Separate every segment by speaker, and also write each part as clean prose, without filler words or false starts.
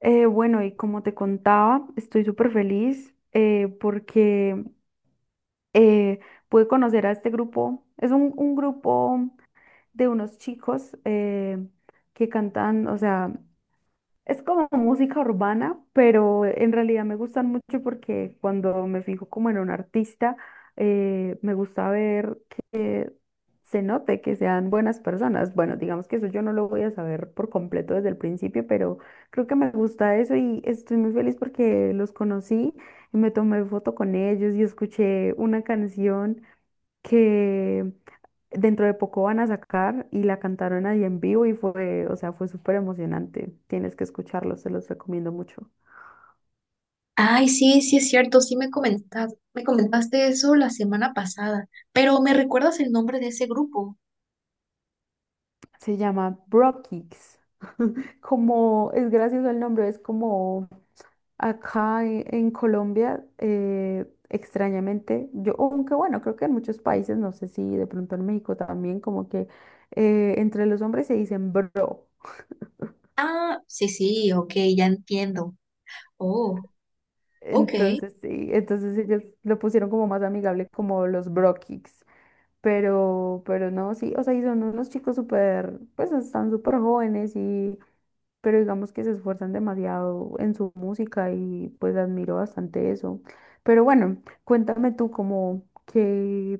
Speaker 1: Bueno, y como te contaba, estoy súper feliz porque eh, pude conocer a este grupo. Es un grupo de unos chicos que cantan, o sea, es como música urbana, pero en realidad me gustan mucho porque cuando me fijo como en un artista, me gusta ver que se note que sean buenas personas. Bueno, digamos que eso yo no lo voy a saber por completo desde el principio, pero creo que me gusta eso y estoy muy feliz porque los conocí y me tomé foto con ellos y escuché una canción que dentro de poco van a sacar y la cantaron ahí en vivo y fue, o sea, fue súper emocionante. Tienes que escucharlo, se los recomiendo mucho.
Speaker 2: Ay, sí, sí es cierto, sí me comentaste eso la semana pasada, pero ¿me recuerdas el nombre de ese grupo?
Speaker 1: Se llama Bro Kicks. Como es gracioso el nombre, es como acá en Colombia, extrañamente, yo, aunque bueno, creo que en muchos países, no sé si de pronto en México también, como que entre los hombres se dicen bro.
Speaker 2: Ah, sí, sí, ok, ya entiendo. Oh, ok.
Speaker 1: Entonces sí, entonces ellos lo pusieron como más amigable, como los Bro Kicks. Pero no, sí, o sea, y son unos chicos súper, pues están súper jóvenes y, pero digamos que se esfuerzan demasiado en su música y pues admiro bastante eso. Pero bueno, cuéntame tú como que,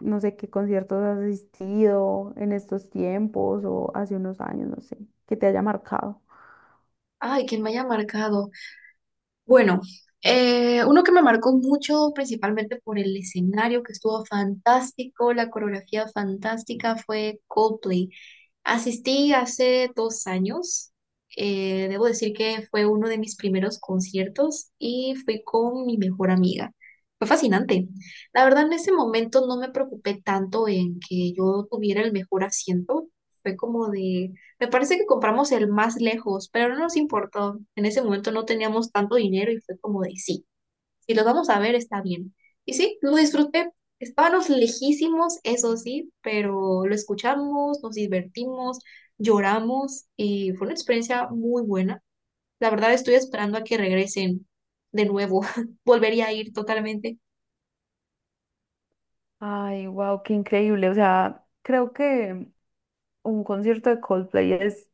Speaker 1: no sé, ¿qué conciertos has asistido en estos tiempos o hace unos años? No sé, que te haya marcado.
Speaker 2: Ay, que me haya marcado. Bueno, uno que me marcó mucho, principalmente por el escenario que estuvo fantástico, la coreografía fantástica, fue Coldplay. Asistí hace 2 años. Debo decir que fue uno de mis primeros conciertos y fui con mi mejor amiga. Fue fascinante. La verdad, en ese momento no me preocupé tanto en que yo tuviera el mejor asiento. Fue como de, me parece que compramos el más lejos, pero no nos importó. En ese momento no teníamos tanto dinero y fue como de sí. Si los vamos a ver, está bien. Y sí, lo disfruté. Estábamos lejísimos, eso sí, pero lo escuchamos, nos divertimos, lloramos y fue una experiencia muy buena. La verdad, estoy esperando a que regresen de nuevo. Volvería a ir totalmente.
Speaker 1: Ay, wow, qué increíble. O sea, creo que un concierto de Coldplay es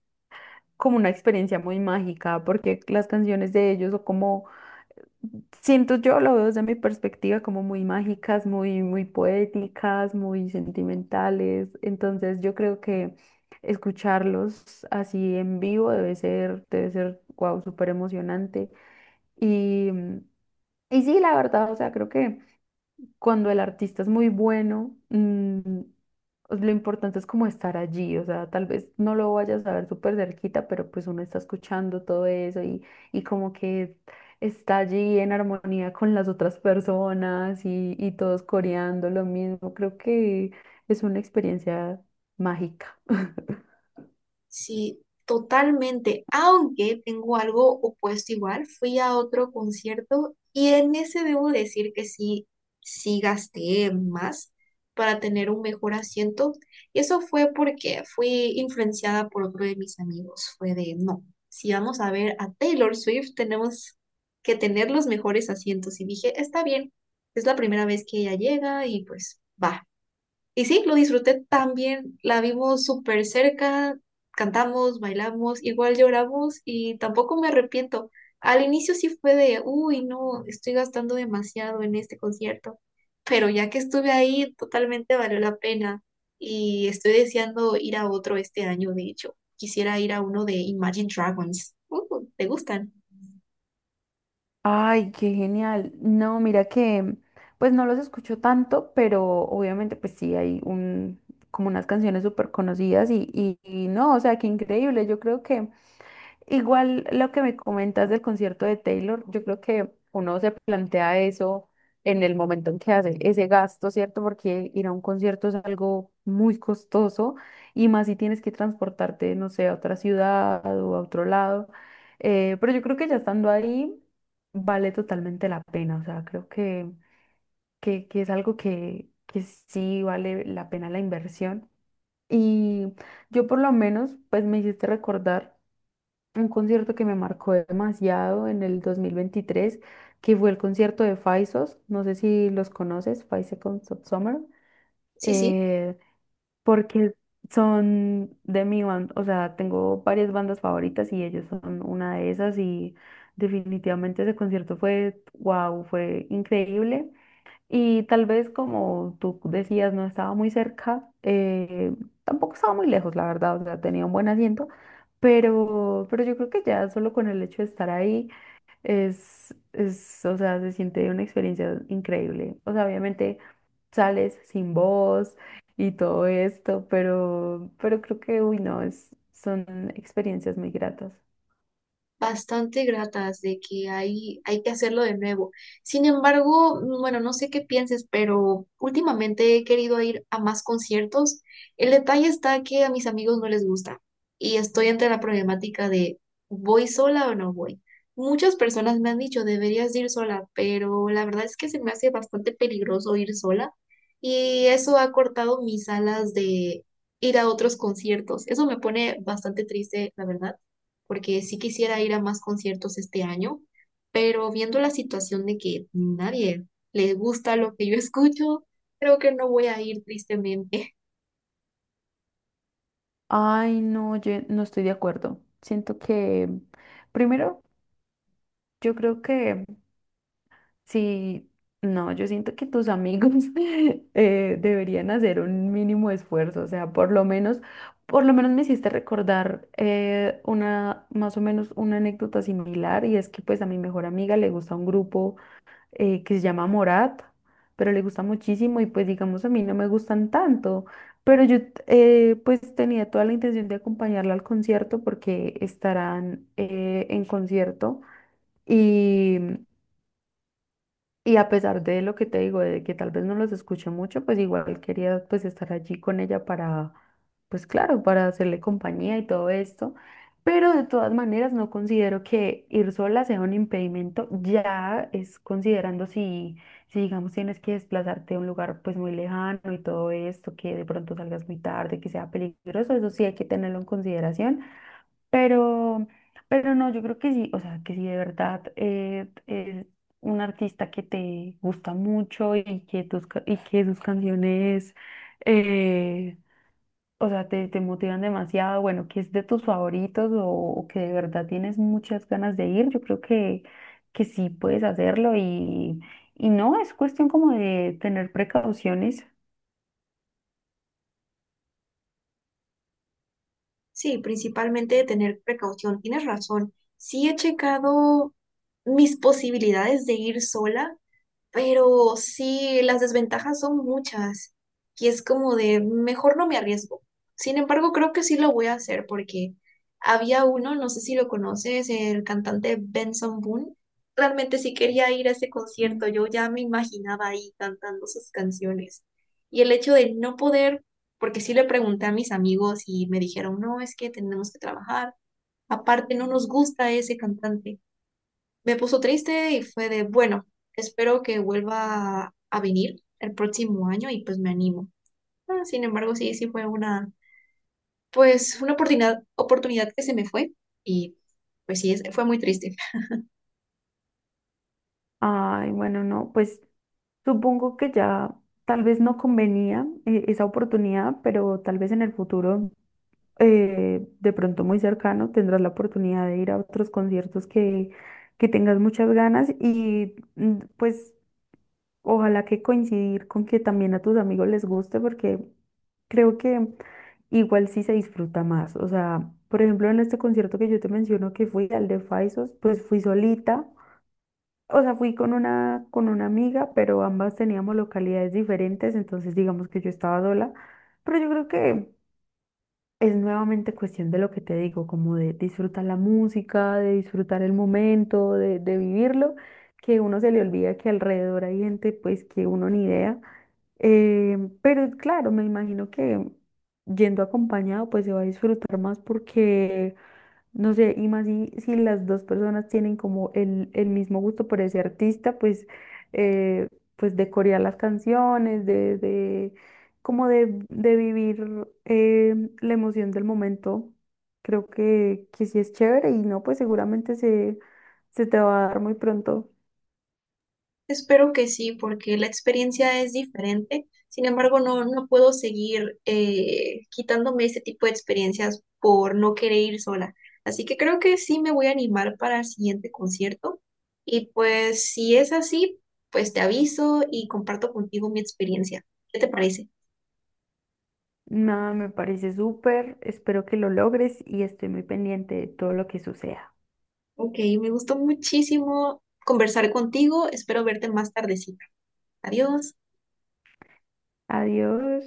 Speaker 1: como una experiencia muy mágica porque las canciones de ellos son como, siento yo, lo veo desde mi perspectiva, como muy mágicas, muy poéticas, muy sentimentales. Entonces yo creo que escucharlos así en vivo debe ser, wow, súper emocionante. Y, y sí, la verdad, o sea, creo que cuando el artista es muy bueno, pues, lo importante es como estar allí, o sea, tal vez no lo vayas a ver súper cerquita, pero pues uno está escuchando todo eso y como que está allí en armonía con las otras personas y todos coreando lo mismo. Creo que es una experiencia mágica.
Speaker 2: Sí, totalmente. Aunque tengo algo opuesto igual, fui a otro concierto y en ese debo decir que sí, sí gasté más para tener un mejor asiento. Y eso fue porque fui influenciada por otro de mis amigos. Fue de, no, si vamos a ver a Taylor Swift, tenemos que tener los mejores asientos. Y dije, está bien, es la primera vez que ella llega y pues va. Y sí, lo disfruté también, la vimos súper cerca, cantamos, bailamos, igual lloramos y tampoco me arrepiento. Al inicio sí fue de, uy, no, estoy gastando demasiado en este concierto, pero ya que estuve ahí, totalmente valió la pena y estoy deseando ir a otro este año, de hecho. Quisiera ir a uno de Imagine Dragons. ¿Te gustan?
Speaker 1: Ay, qué genial. No, mira que, pues no los escucho tanto, pero obviamente pues sí hay un, como unas canciones súper conocidas y, y no, o sea, qué increíble. Yo creo que, igual lo que me comentas del concierto de Taylor, yo creo que uno se plantea eso en el momento en que hace ese gasto, ¿cierto? Porque ir a un concierto es algo muy costoso y más si tienes que transportarte, no sé, a otra ciudad o a otro lado. Pero yo creo que ya estando ahí vale totalmente la pena, o sea, creo que es algo que sí vale la pena la inversión. Y yo por lo menos, pues me hiciste recordar un concierto que me marcó demasiado en el 2023, que fue el concierto de Faisos, no sé si los conoces, Five Seconds of Summer,
Speaker 2: Sí, sí,
Speaker 1: eh, porque son de mi banda, o sea, tengo varias bandas favoritas y ellos son una de esas y definitivamente ese concierto fue, wow, fue increíble. Y tal vez como tú decías, no estaba muy cerca, tampoco estaba muy lejos, la verdad, o sea, tenía un buen asiento, pero yo creo que ya solo con el hecho de estar ahí es, o sea, se siente una experiencia increíble. O sea, obviamente sales sin voz y todo esto, pero creo que, uy, no, es, son experiencias muy gratas.
Speaker 2: bastante gratas, de que hay que hacerlo de nuevo. Sin embargo, bueno, no sé qué pienses, pero últimamente he querido ir a más conciertos. El detalle está que a mis amigos no les gusta y estoy ante la problemática de ¿voy sola o no voy? Muchas personas me han dicho, deberías de ir sola, pero la verdad es que se me hace bastante peligroso ir sola y eso ha cortado mis alas de ir a otros conciertos. Eso me pone bastante triste, la verdad, porque sí quisiera ir a más conciertos este año, pero viendo la situación de que nadie le gusta lo que yo escucho, creo que no voy a ir, tristemente.
Speaker 1: Ay, no, yo no estoy de acuerdo. Siento que, primero, yo creo que sí, no, yo siento que tus amigos deberían hacer un mínimo esfuerzo, o sea, por lo menos, me hiciste recordar una, más o menos una anécdota similar, y es que pues a mi mejor amiga le gusta un grupo que se llama Morat, pero le gusta muchísimo y pues digamos a mí no me gustan tanto, pero yo pues tenía toda la intención de acompañarla al concierto porque estarán en concierto. Y y a pesar de lo que te digo, de que tal vez no los escuche mucho, pues igual quería pues estar allí con ella para, pues claro, para hacerle compañía y todo esto. Pero de todas maneras no considero que ir sola sea un impedimento, ya es considerando si, digamos tienes que desplazarte a un lugar pues muy lejano y todo esto, que de pronto salgas muy tarde, que sea peligroso, eso sí hay que tenerlo en consideración. Pero, pero no, yo creo que sí, o sea, que si de verdad es un artista que te gusta mucho y que tus, y que sus canciones, eh, o sea, te motivan demasiado, bueno, que es de tus favoritos o que de verdad tienes muchas ganas de ir, yo creo que sí puedes hacerlo y no, es cuestión como de tener precauciones.
Speaker 2: Sí, principalmente de tener precaución. Tienes razón. Sí he checado mis posibilidades de ir sola. Pero sí, las desventajas son muchas y es como de mejor no me arriesgo. Sin embargo, creo que sí lo voy a hacer porque había uno, no sé si lo conoces, el cantante Benson Boone. Realmente sí quería ir a ese concierto, yo ya me imaginaba ahí cantando sus canciones. Y el hecho de no poder, porque sí le pregunté a mis amigos y me dijeron, no, es que tenemos que trabajar. Aparte, no nos gusta ese cantante. Me puso triste y fue de, bueno, espero que vuelva a venir el próximo año y pues me animo. Ah, sin embargo, sí, sí fue una, pues una oportunidad, oportunidad que se me fue y pues sí, es- fue muy triste.
Speaker 1: Ay, bueno, no, pues supongo que ya tal vez no convenía esa oportunidad, pero tal vez en el futuro, de pronto muy cercano, tendrás la oportunidad de ir a otros conciertos que tengas muchas ganas y pues ojalá que coincidir con que también a tus amigos les guste, porque creo que igual sí se disfruta más. O sea, por ejemplo, en este concierto que yo te menciono que fui al de Faisos, pues fui solita. O sea, fui con una amiga, pero ambas teníamos localidades diferentes, entonces digamos que yo estaba sola. Pero yo creo que es nuevamente cuestión de lo que te digo, como de disfrutar la música, de disfrutar el momento, de vivirlo, que uno se le olvida que alrededor hay gente pues que uno ni idea. Eh, pero claro, me imagino que yendo acompañado pues se va a disfrutar más porque no sé, y más si, si las dos personas tienen como el mismo gusto por ese artista, pues, eh, pues de corear las canciones, de como de vivir la emoción del momento. Creo que sí es chévere y no, pues seguramente se, se te va a dar muy pronto.
Speaker 2: Espero que sí, porque la experiencia es diferente. Sin embargo, no, no puedo seguir quitándome este tipo de experiencias por no querer ir sola. Así que creo que sí me voy a animar para el siguiente concierto. Y pues si es así, pues te aviso y comparto contigo mi experiencia. ¿Qué te parece?
Speaker 1: Nada, me parece súper, espero que lo logres y estoy muy pendiente de todo lo que suceda.
Speaker 2: Ok, me gustó muchísimo conversar contigo. Espero verte más tardecita. Adiós.
Speaker 1: Adiós.